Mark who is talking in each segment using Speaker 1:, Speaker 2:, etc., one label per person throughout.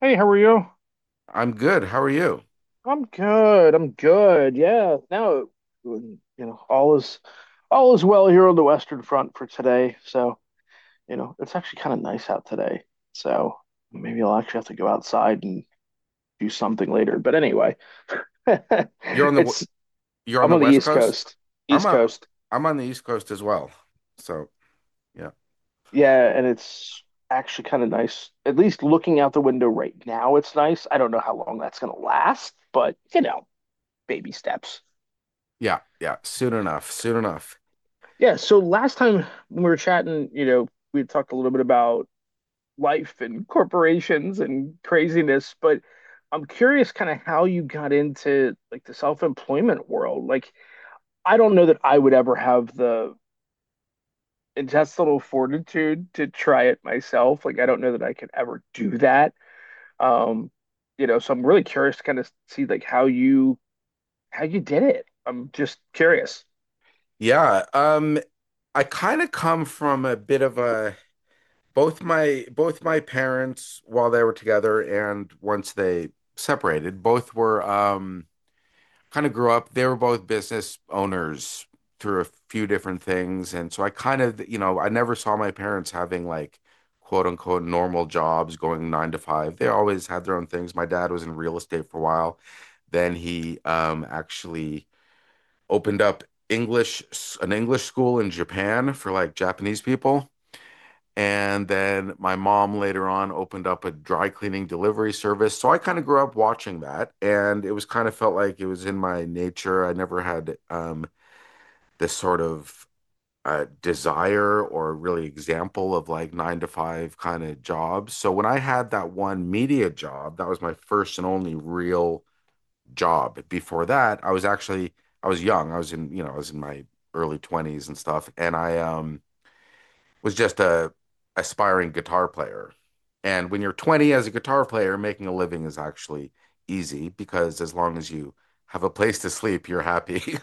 Speaker 1: Hey, how are you?
Speaker 2: I'm good. How are you?
Speaker 1: I'm good. Yeah. You know, all is all is well here on the Western Front for today. It's actually kind of nice out today. So maybe I'll actually have to go outside and do something later. But anyway,
Speaker 2: You're on the w-
Speaker 1: it's
Speaker 2: you're on
Speaker 1: I'm
Speaker 2: the
Speaker 1: on the
Speaker 2: West
Speaker 1: East
Speaker 2: Coast?
Speaker 1: Coast.
Speaker 2: I'm
Speaker 1: East
Speaker 2: on
Speaker 1: Coast.
Speaker 2: I'm on the East Coast as well. So, yeah.
Speaker 1: Yeah, and it's actually kind of nice. At least looking out the window right now, it's nice. I don't know how long that's gonna last, but baby steps.
Speaker 2: Yeah, yeah. Soon enough. Soon enough.
Speaker 1: Yeah, so last time when we were chatting, we had talked a little bit about life and corporations and craziness, but I'm curious kind of how you got into like the self-employment world. Like, I don't know that I would ever have the intestinal fortitude to try it myself. Like, I don't know that I could ever do that. Um, so I'm really curious to kind of see like how you did it. I'm just curious.
Speaker 2: Yeah. I kind of come from a bit of a both my parents while they were together and once they separated, both were kind of grew up. They were both business owners through a few different things. And so I kind of, you know, I never saw my parents having like quote unquote normal jobs going nine to five. They always had their own things. My dad was in real estate for a while. Then he actually opened up an English school in Japan for like Japanese people. And then my mom later on opened up a dry cleaning delivery service. So I kind of grew up watching that. And it was kind of felt like it was in my nature. I never had this sort of desire or really example of like nine to five kind of jobs. So when I had that one media job, that was my first and only real job. Before that, I was young. I was in, you know, I was in my early 20s and stuff. And was just a aspiring guitar player. And when you're 20 as a guitar player, making a living is actually easy because as long as you have a place to sleep, you're happy.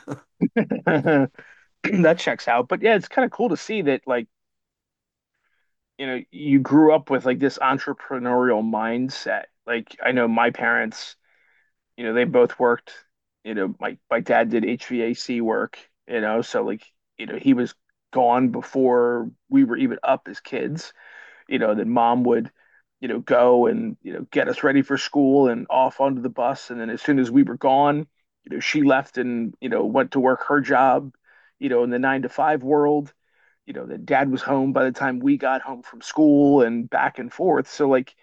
Speaker 1: That checks out. But yeah, it's kind of cool to see that like you grew up with like this entrepreneurial mindset. Like I know my parents, they both worked, my dad did HVAC work, you know, so like, he was gone before we were even up as kids, then mom would, go and, get us ready for school and off onto the bus. And then as soon as we were gone, she left and, went to work her job, in the nine to five world that dad was home by the time we got home from school and back and forth, so like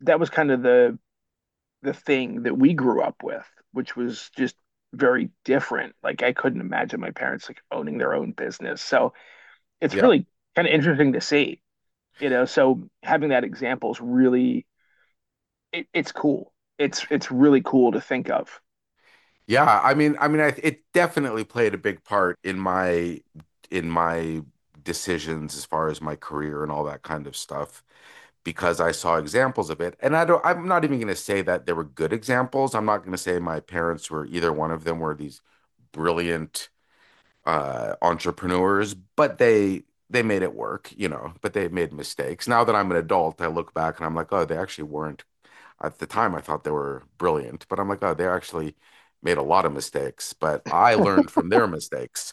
Speaker 1: that was kind of the thing that we grew up with, which was just very different. Like I couldn't imagine my parents like owning their own business. So it's
Speaker 2: yeah.
Speaker 1: really kind of interesting to see, so having that example is really it's cool. It's really cool to think of.
Speaker 2: Yeah, I mean it definitely played a big part in my decisions as far as my career and all that kind of stuff because I saw examples of it. And I'm not even going to say that there were good examples. I'm not going to say my parents were either one of them were these brilliant entrepreneurs, but they made it work, you know, but they made mistakes. Now that I'm an adult, I look back and I'm like, oh, they actually weren't. At the time, I thought they were brilliant, but I'm like, oh, they actually made a lot of mistakes, but I learned from their mistakes.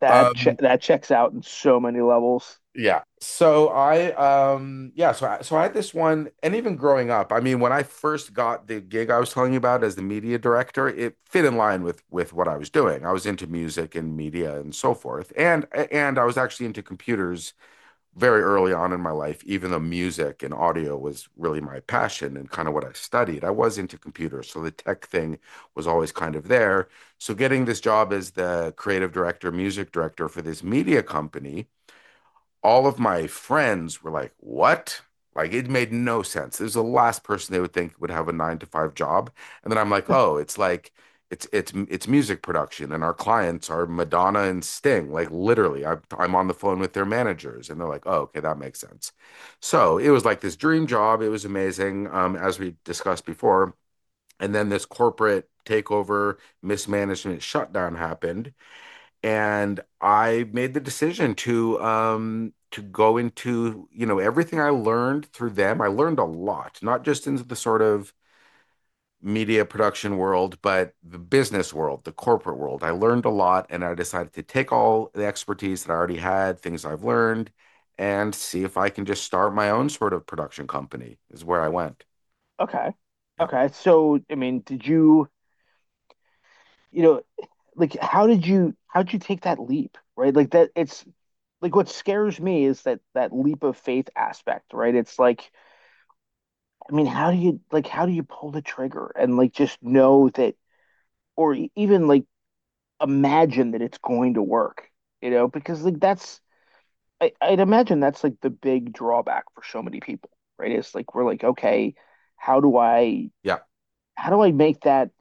Speaker 2: Um,
Speaker 1: That checks out in so many levels.
Speaker 2: Yeah. So I yeah, so I had this one and even growing up, I mean when I first got the gig I was telling you about as the media director, it fit in line with what I was doing. I was into music and media and so forth. And I was actually into computers very early on in my life, even though music and audio was really my passion and kind of what I studied. I was into computers, so the tech thing was always kind of there. So getting this job as the creative director, music director for this media company all of my friends were like, what? Like it made no sense. There's the last person they would think would have a nine to five job. And then I'm like, oh, it's like it's music production, and our clients are Madonna and Sting. Like literally, I'm on the phone with their managers, and they're like, oh, okay, that makes sense. So it was like this dream job. It was amazing, as we discussed before. And then this corporate takeover, mismanagement, shutdown happened and I made the decision to go into, you know, everything I learned through them. I learned a lot, not just into the sort of media production world, but the business world, the corporate world. I learned a lot and I decided to take all the expertise that I already had, things I've learned, and see if I can just start my own sort of production company is where I went.
Speaker 1: Okay.
Speaker 2: Yeah.
Speaker 1: Okay so I mean, did you, you know like how did you take that leap, right? Like that it's like what scares me is that that leap of faith aspect, right? It's like, I mean, how do you pull the trigger and like just know that, or even like imagine that it's going to work, because like that's I'd imagine that's like the big drawback for so many people, right? It's like we're like, okay, how do i
Speaker 2: Yeah.
Speaker 1: how do I make that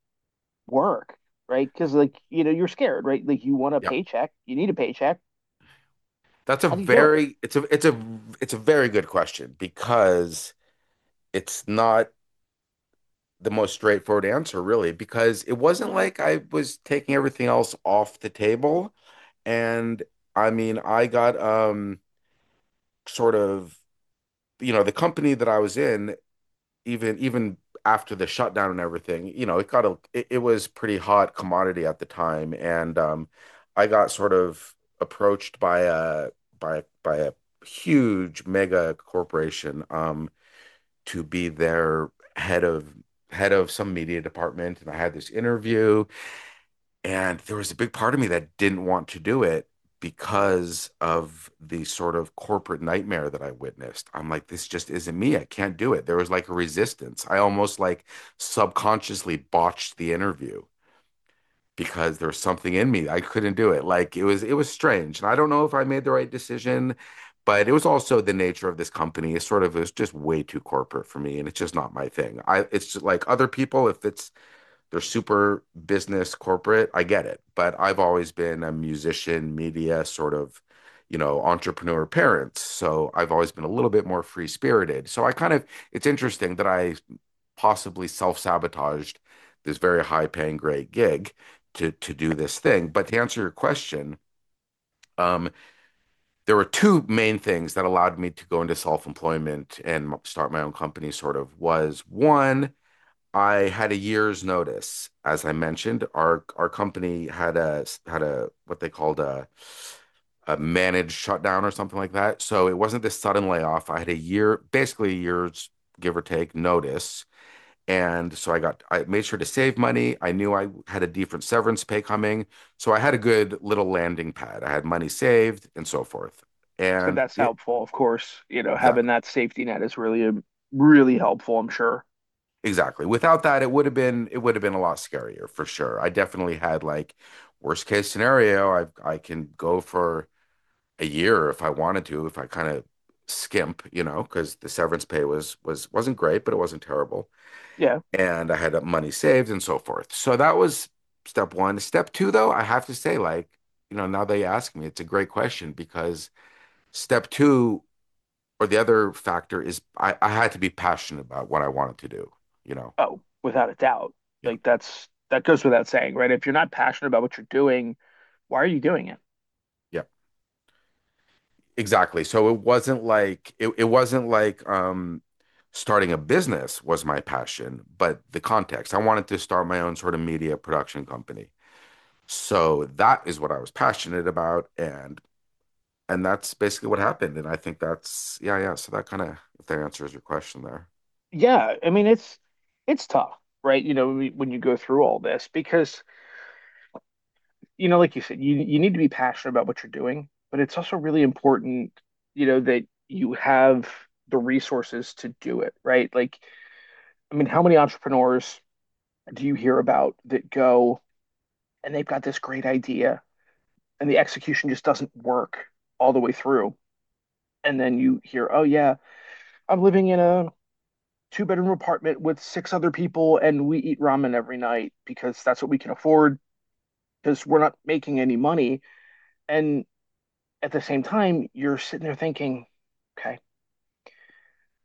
Speaker 1: work, right? Because you're scared, right? Like you want a
Speaker 2: Yeah.
Speaker 1: paycheck, you need a paycheck.
Speaker 2: That's a
Speaker 1: How do you do it?
Speaker 2: very it's a it's a it's a very good question because it's not the most straightforward answer, really, because it wasn't like I was taking everything else off the table. And I mean, I got sort of, you know, the company that I was in, even after the shutdown and everything, you know, it got a it, it was pretty hot commodity at the time. And I got sort of approached by a by by a huge mega corporation. To be their head of head of some media department and I had this interview and there was a big part of me that didn't want to do it because of the sort of corporate nightmare that I witnessed. I'm like, this just isn't me. I can't do it. There was like a resistance. I almost like subconsciously botched the interview because there was something in me. I couldn't do it. Like it was strange. And I don't know if I made the right decision, but it was also the nature of this company. It's sort of It was just way too corporate for me and it's just not my thing. I It's just like other people if it's they're super business corporate, I get it. But I've always been a musician, media sort of. You know, entrepreneur parents. So I've always been a little bit more free spirited. So I kind of, it's interesting that I possibly self-sabotaged this very high-paying great gig to do this thing. But to answer your question, um, there were two main things that allowed me to go into self-employment and start my own company, sort of, was one, I had a year's notice. As I mentioned, our company had a had a what they called a managed shutdown or something like that. So it wasn't this sudden layoff. I had a year, basically a year's give or take notice and so I made sure to save money. I knew I had a different severance pay coming. So I had a good little landing pad. I had money saved and so forth.
Speaker 1: So
Speaker 2: And
Speaker 1: that's
Speaker 2: it,
Speaker 1: helpful, of course. You know, having
Speaker 2: exactly,
Speaker 1: that safety net is really, really helpful, I'm sure.
Speaker 2: exactly. Without that, it would have been, it would have been a lot scarier for sure. I definitely had like worst case scenario. I can go for a year if I wanted to, if I kind of skimp, you know, because the severance pay wasn't great, but it wasn't terrible.
Speaker 1: Yeah.
Speaker 2: And I had money saved and so forth. So that was step one. Step two, though, I have to say, like, you know, now they ask me, it's a great question because step two or the other factor is I had to be passionate about what I wanted to do, you know.
Speaker 1: Oh, without a doubt.
Speaker 2: Yeah.
Speaker 1: Like that's, that goes without saying, right? If you're not passionate about what you're doing, why are you doing it?
Speaker 2: Yeah, exactly. So it wasn't like it wasn't like starting a business was my passion, but the context. I wanted to start my own sort of media production company. So that is what I was passionate about and that's basically what happened. And I think that's yeah, yeah. So that kind of if that answers your question there.
Speaker 1: Yeah, I mean it's tough, right? You know, when you go through all this because like you said, you need to be passionate about what you're doing, but it's also really important, that you have the resources to do it, right? Like, I mean, how many entrepreneurs do you hear about that go and they've got this great idea and the execution just doesn't work all the way through. And then you hear, oh yeah, I'm living in a two-bedroom apartment with six other people and we eat ramen every night because that's what we can afford because we're not making any money. And at the same time, you're sitting there thinking, okay,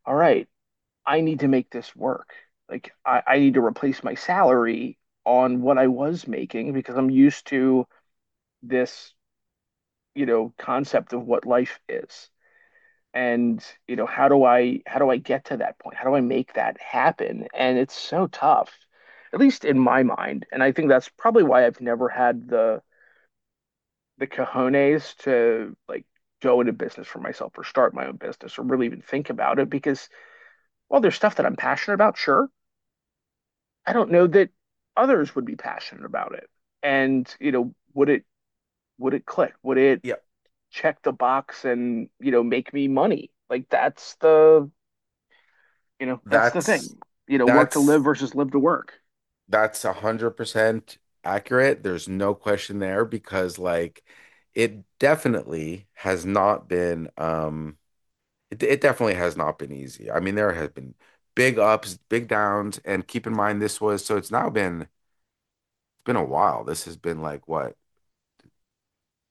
Speaker 1: all right, I need to make this work. Like I need to replace my salary on what I was making because I'm used to this, concept of what life is. And you know how do I get to that point? How do I make that happen? And it's so tough, at least in my mind. And I think that's probably why I've never had the cojones to like go into business for myself or start my own business or really even think about it because, well, there's stuff that I'm passionate about, sure. I don't know that others would be passionate about it. And you know, would it click? Would it
Speaker 2: Yeah,
Speaker 1: Check the box and make me money? Like that's the— you know, that's the
Speaker 2: that's
Speaker 1: thing. You know, work to
Speaker 2: that's
Speaker 1: live versus live to work.
Speaker 2: that's 100% accurate. There's no question there because like it definitely has not been it definitely has not been easy. I mean, there has been big ups, big downs, and keep in mind this was so it's been a while. This has been like what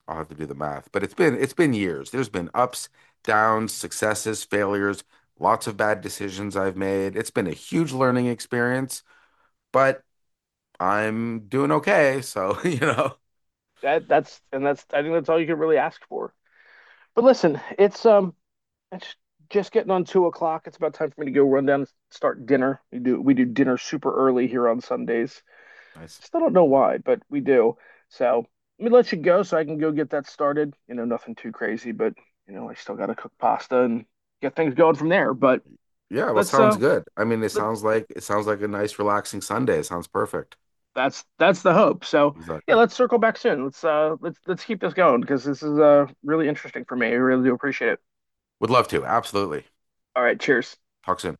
Speaker 2: I'll have to do the math, but it's been years. There's been ups, downs, successes, failures, lots of bad decisions I've made. It's been a huge learning experience, but I'm doing okay. So, you know,
Speaker 1: That's, I think, that's all you can really ask for. But listen, it's just getting on 2 o'clock. It's about time for me to go run down and start dinner. We do dinner super early here on Sundays.
Speaker 2: Nice.
Speaker 1: Still don't know why, but we do. So let me let you go so I can go get that started. You know, nothing too crazy, but you know, I still gotta cook pasta and get things going from there. But
Speaker 2: Yeah, well,
Speaker 1: let's
Speaker 2: sounds
Speaker 1: uh
Speaker 2: good. I mean,
Speaker 1: let's
Speaker 2: it sounds like a nice, relaxing Sunday. It sounds perfect.
Speaker 1: that's the hope. So yeah,
Speaker 2: Exactly.
Speaker 1: let's circle back soon. Let's keep this going because this is really interesting for me. I really do appreciate it.
Speaker 2: Would love to. Absolutely.
Speaker 1: All right, cheers.
Speaker 2: Talk soon.